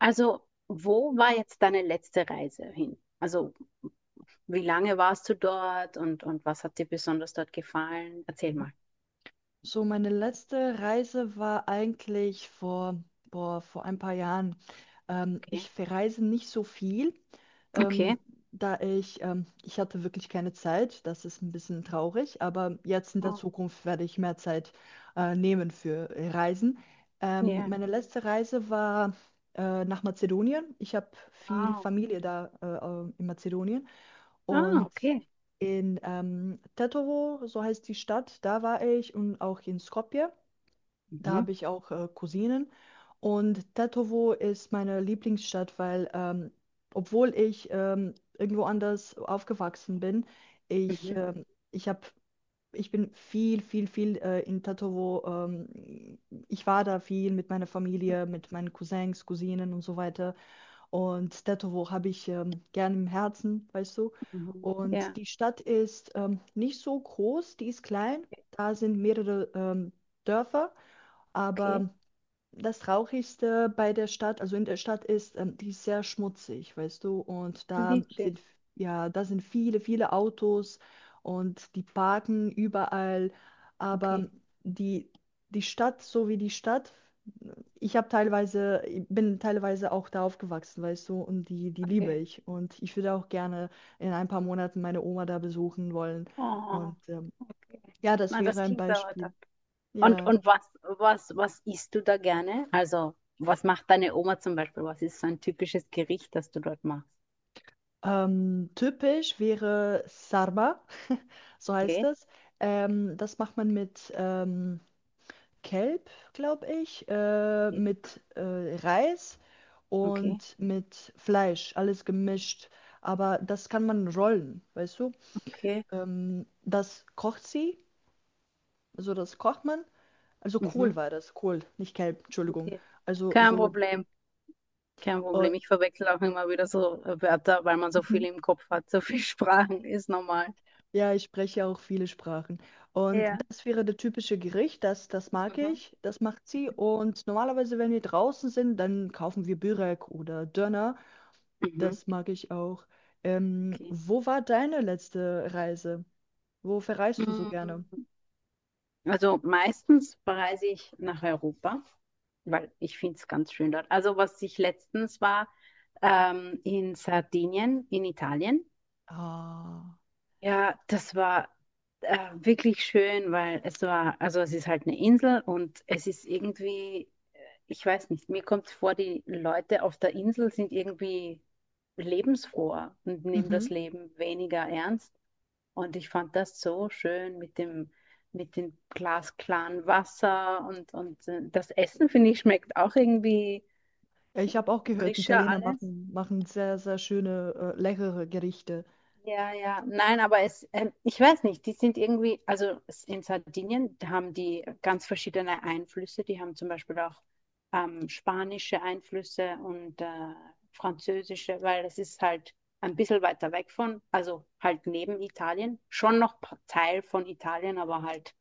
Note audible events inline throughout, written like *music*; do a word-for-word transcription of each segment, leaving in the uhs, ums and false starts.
Also, wo war jetzt deine letzte Reise hin? Also, wie lange warst du dort und, und was hat dir besonders dort gefallen? Erzähl mal. So, meine letzte Reise war eigentlich vor, boah, vor ein paar Jahren. Ähm, ich Okay. verreise nicht so viel, Okay. ähm, da ich, ähm, ich hatte wirklich keine Zeit. Das ist ein bisschen traurig, aber jetzt in der Oh, Zukunft werde ich mehr Zeit äh, nehmen für Reisen. Ähm, ja. Meine letzte Reise war äh, nach Mazedonien. Ich habe viel Wow. Familie da äh, äh, in Mazedonien. Ah, Und okay. in ähm, Tetovo, so heißt die Stadt, da war ich und auch in Skopje, da Mhm. habe ich auch äh, Cousinen. Und Tetovo ist meine Lieblingsstadt, weil ähm, obwohl ich ähm, irgendwo anders aufgewachsen bin, ich, Mhm. ähm, ich habe Ich bin viel, viel, viel äh, in Tetovo. Ähm, ich war da viel mit meiner Familie, mit meinen Cousins, Cousinen und so weiter. Und Tetovo habe ich ähm, gerne im Herzen, weißt du. Mhm. Und Ja, die Stadt ist ähm, nicht so groß, die ist klein. Da sind mehrere ähm, Dörfer. okay. Aber das Traurigste bei der Stadt, also in der Stadt ist, ähm, die ist sehr schmutzig, weißt du. Und da Wirklich. sind, ja, da sind viele, viele Autos und die parken überall. Okay. Aber die, die Stadt, so wie die Stadt, ich habe teilweise, ich bin teilweise auch da aufgewachsen, weißt du, und die, die liebe Okay. ich. Und ich würde auch gerne in ein paar Monaten meine Oma da besuchen wollen. Oh, Und ähm, okay. ja, das Na, wäre das ein klingt aber toll. Beispiel. Und, Ja. und was, was, was isst du da gerne? Also, was macht deine Oma zum Beispiel? Was ist so ein typisches Gericht, das du dort machst? Ähm, typisch wäre Sarma, *laughs* so heißt Okay. es. Ähm, das macht man mit ähm, Kelp, glaube ich, äh, Okay. mit äh, Reis Okay. und mit Fleisch, alles gemischt. Aber das kann man rollen, weißt du? Okay. Ähm, das kocht sie, also das kocht man. Also Kohl Mhm. war das, Kohl, nicht Kelp, Entschuldigung. Okay. Also Kein so, Problem, kein äh, Problem. Ich verwechsel auch immer wieder so äh, Wörter, weil man so *laughs* viel im Kopf hat, so viele *laughs* Sprachen, ist normal. ja, ich spreche auch viele Sprachen. Und Ja. das wäre das typische Gericht, das, das mag Mhm. ich, das macht sie. Und normalerweise, wenn wir draußen sind, dann kaufen wir Börek oder Döner, Mhm. das mag ich auch. Ähm, Okay. wo war deine letzte Reise? Wo verreist du so Mm, gerne? Also meistens reise ich nach Europa, weil ich finde es ganz schön dort. Also was ich letztens war, ähm, in Sardinien, in Italien. Ah. Ja, das war äh, wirklich schön, weil es war, also es ist halt eine Insel und es ist irgendwie, äh, ich weiß nicht, mir kommt vor, die Leute auf der Insel sind irgendwie lebensfroher und nehmen das Leben weniger ernst. Und ich fand das so schön mit dem, mit dem glasklaren Wasser und, und äh, das Essen, finde ich, schmeckt auch irgendwie Ja, ich habe auch gehört, die frischer Italiener alles. machen, machen sehr, sehr schöne, äh, leckere Gerichte. Ja, ja, nein, aber es, ähm, ich weiß nicht, die sind irgendwie, also s- in Sardinien da haben die ganz verschiedene Einflüsse. Die haben zum Beispiel auch ähm, spanische Einflüsse und äh, französische, weil es ist halt ein bisschen weiter weg von, also halt neben Italien, schon noch pa- Teil von Italien, aber halt,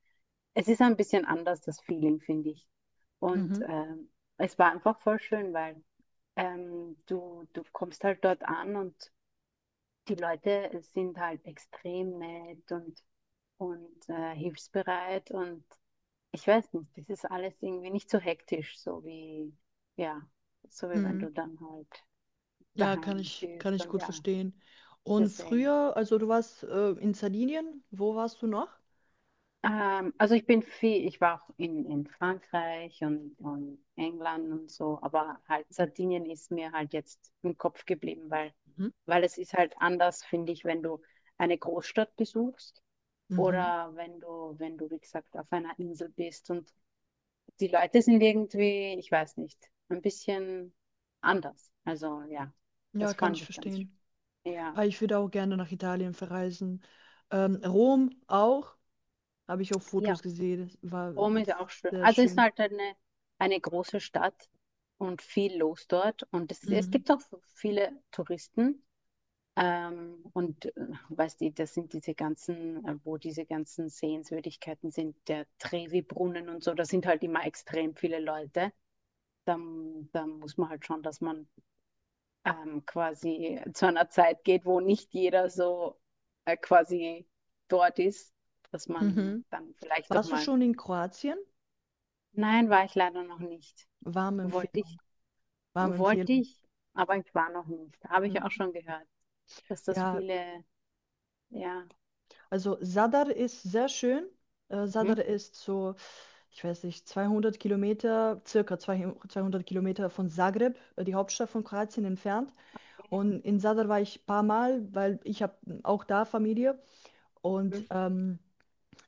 es ist ein bisschen anders, das Feeling, finde ich. Und Mhm. ähm, es war einfach voll schön, weil ähm, du, du kommst halt dort an und die Leute sind halt extrem nett und, und äh, hilfsbereit und ich weiß nicht, das ist alles irgendwie nicht so hektisch, so wie, ja, so wie wenn Mhm. du dann halt Ja, kann daheim ich, kann bist ich und gut ja, verstehen. Und deswegen. früher, also du warst äh, in Sardinien, wo warst du noch? Ähm, also ich bin viel, ich war auch in, in Frankreich und, und England und so, aber halt Sardinien ist mir halt jetzt im Kopf geblieben, weil, Mhm. weil es ist halt anders, finde ich, wenn du eine Großstadt besuchst. Mhm. Oder wenn du, wenn du, wie gesagt, auf einer Insel bist und die Leute sind irgendwie, ich weiß nicht, ein bisschen anders. Also ja, Ja, das kann fand ich ich ganz schön. verstehen. Ja, Aber ich würde auch gerne nach Italien verreisen. Ähm, Rom auch, habe ich auf Fotos ja, gesehen, das war Rom ist auch schön. sehr Also es ist schön. halt eine, eine große Stadt und viel los dort. Und es, es Mhm. gibt auch viele Touristen. Ähm, und äh, weißt du, das sind diese ganzen, äh, wo diese ganzen Sehenswürdigkeiten sind, der Trevi-Brunnen und so, da sind halt immer extrem viele Leute. dann, dann muss man halt schon, dass man ähm, quasi zu einer Zeit geht, wo nicht jeder so äh, quasi dort ist, dass man Mhm. dann vielleicht doch Warst du mal, schon in Kroatien? nein, war ich leider noch nicht. Warme Wollte ich, Empfehlung, warme wollte Empfehlung. ich, aber ich war noch nicht. Habe ich auch Mhm. schon gehört, dass das Ja, viele, ja, also Sadr ist sehr schön. Äh, mhm, Sadr ist so, ich weiß nicht, zweihundert Kilometer, circa zweihundert Kilometer von Zagreb, äh, die Hauptstadt von Kroatien, entfernt. Und in Sadr war ich ein paar Mal, weil ich habe auch da Familie. mhm. Und ähm,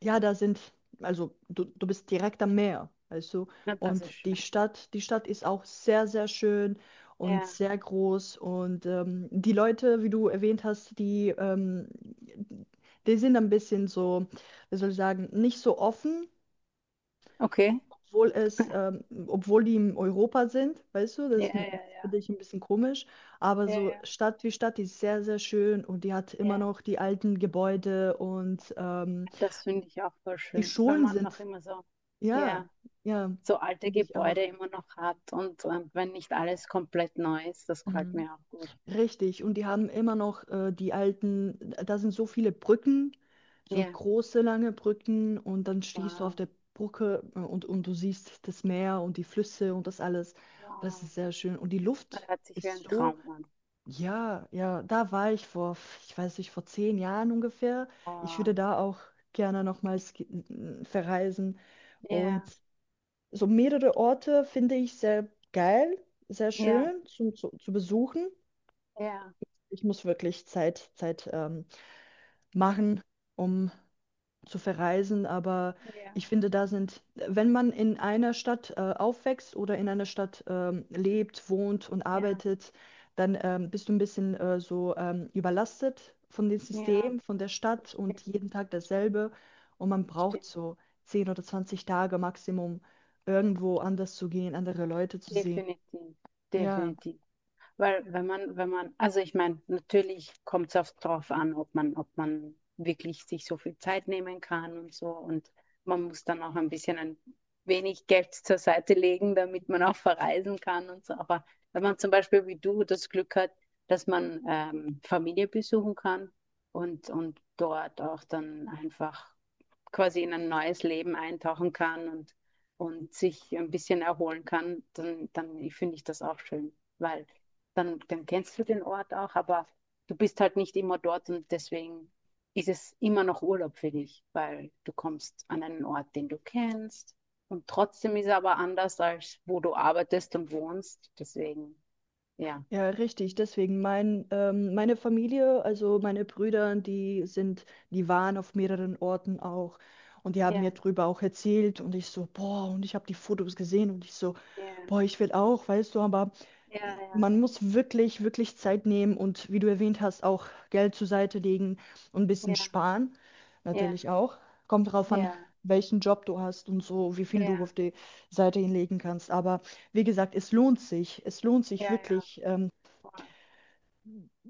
ja, da sind, also du, du bist direkt am Meer, weißt du? Na, das ist Und die schön. Stadt, die Stadt ist auch sehr, sehr schön und Ja, sehr groß. Und ähm, die Leute, wie du erwähnt hast, die, ähm, die sind ein bisschen so, wie soll ich sagen, nicht so offen, okay. obwohl *laughs* es, ähm, obwohl die in Europa sind, weißt du? Ja, Das ja, ja, finde ich ein bisschen komisch. Aber ja, so ja, Stadt wie Stadt, die ist sehr, sehr schön und die hat immer ja. noch die alten Gebäude und ähm, Das finde ich auch voll die schön, wenn Schulen man noch sind immer so, ja, ja, ja, so alte finde ich auch. Gebäude immer noch hat und, ähm, wenn nicht alles komplett neu ist, das gefällt Mhm. mir auch gut. Richtig. Und die haben immer noch äh, die alten, da sind so viele Brücken, so Ja, große, lange Brücken und dann stehst du auf wow, der Brücke äh, und, und du siehst das Meer und die Flüsse und das alles. Und das wow. ist sehr schön. Und die Das Luft hört sich wie ist ein so, Traum an. ja, ja, da war ich vor, ich weiß nicht, vor zehn Jahren ungefähr. Ich würde Wow. da auch gerne nochmals ge- verreisen. Und Ja, so mehrere Orte finde ich sehr geil, sehr ja, schön zum, zu, zu besuchen. ja, Ich muss wirklich Zeit, Zeit ähm, machen, um zu verreisen, aber ich ja, finde, da sind, wenn man in einer Stadt äh, aufwächst oder in einer Stadt ähm, lebt, wohnt und ja, arbeitet, dann ähm, bist du ein bisschen äh, so ähm, überlastet von dem ja, System, von der Stadt und bestimmt, jeden Tag dasselbe. Und man braucht bestimmt. so zehn oder zwanzig Tage Maximum, irgendwo anders zu gehen, andere Leute zu sehen. Definitiv, Ja. definitiv. Weil wenn man, wenn man, also ich meine, natürlich kommt es auch darauf an, ob man, ob man wirklich sich so viel Zeit nehmen kann und so. Und man muss dann auch ein bisschen ein wenig Geld zur Seite legen, damit man auch verreisen kann und so. Aber wenn man zum Beispiel wie du das Glück hat, dass man ähm, Familie besuchen kann und, und dort auch dann einfach quasi in ein neues Leben eintauchen kann und, und sich ein bisschen erholen kann, dann, dann finde ich das auch schön, weil dann, dann kennst du den Ort auch, aber du bist halt nicht immer dort und deswegen ist es immer noch Urlaub für dich, weil du kommst an einen Ort, den du kennst und trotzdem ist er aber anders, als wo du arbeitest und wohnst. Deswegen, ja. Ja, richtig. Deswegen mein, ähm, meine Familie, also meine Brüder, die sind, die waren auf mehreren Orten auch und die haben mir Ja, drüber auch erzählt und ich so, boah, und ich habe die Fotos gesehen und ich so, ja, boah, ich will auch, weißt du, aber ja, man muss wirklich, wirklich Zeit nehmen und wie du erwähnt hast, auch Geld zur Seite legen und ein bisschen ja, sparen, ja, ja, natürlich auch. Kommt drauf an, ja, welchen Job du hast und so, wie viel du ja, auf die Seite hinlegen kannst, aber wie gesagt, es lohnt sich. Es lohnt sich ja, ja, wirklich, ähm, voll.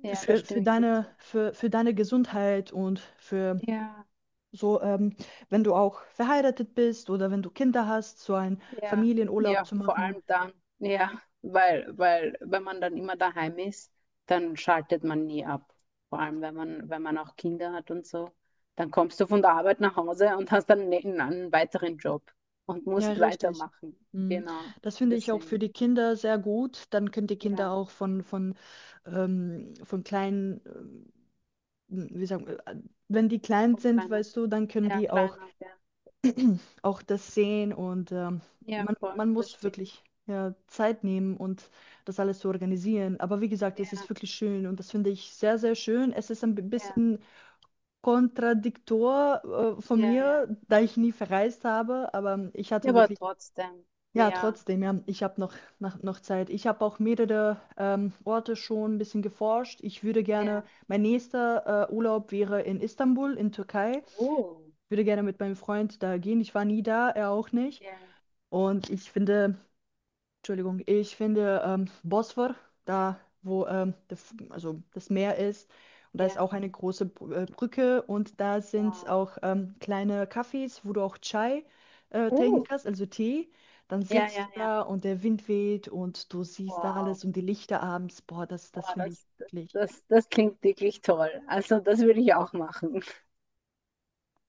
Ja, da für für stimme ich dir deine zu. für für deine Gesundheit und für Ja, so, ähm wenn du auch verheiratet bist oder wenn du Kinder hast, so einen ja, Familienurlaub ja, zu vor machen. allem dann, ja, weil, weil, wenn man dann immer daheim ist, dann schaltet man nie ab. Vor allem, wenn man, wenn man auch Kinder hat und so, dann kommst du von der Arbeit nach Hause und hast dann ne- einen weiteren Job und Ja, musst richtig. weitermachen. Mhm. Genau, Das finde ich auch für deswegen, die Kinder sehr gut. Dann können die ja, Kinder auch von von, ähm von kleinen, ähm, wie sagen wir, äh, wenn die klein voll sind, kleiner, weißt du, dann können ja, die auch kleiner, ja, auch das sehen und ähm, ja, man, voll, man das muss stimmt. wirklich ja, Zeit nehmen und das alles zu organisieren. Aber wie gesagt, es Ja, ist wirklich schön und das finde ich sehr, sehr schön. Es ist ein bi- ja, bisschen kontradiktor äh, von ja, ja, mir, da ich nie verreist habe, aber ich ja, hatte aber wirklich, trotzdem, ja, mehr, trotzdem, ja, ich habe noch, noch, noch Zeit. Ich habe auch mehrere ähm, Orte schon ein bisschen geforscht. Ich würde gerne, ja, mein nächster äh, Urlaub wäre in Istanbul, in Türkei. oh, Ich würde gerne mit meinem Freund da gehen. Ich war nie da, er auch nicht. ja, Und ich finde, Entschuldigung, ich finde ähm, Bosphor, da wo ähm, der, F- also das Meer ist, und da ist ja, auch eine große Br- äh, Brücke und da sind wow. auch ähm, kleine Cafés, wo du auch Chai äh, trinken Oh. kannst, also Tee. Dann Ja, sitzt ja, du ja. da und der Wind weht und du siehst da Wow. alles und die Lichter abends. Boah, das, das Wow, finde ich das, wirklich. das, das klingt wirklich toll. Also das würde ich auch machen.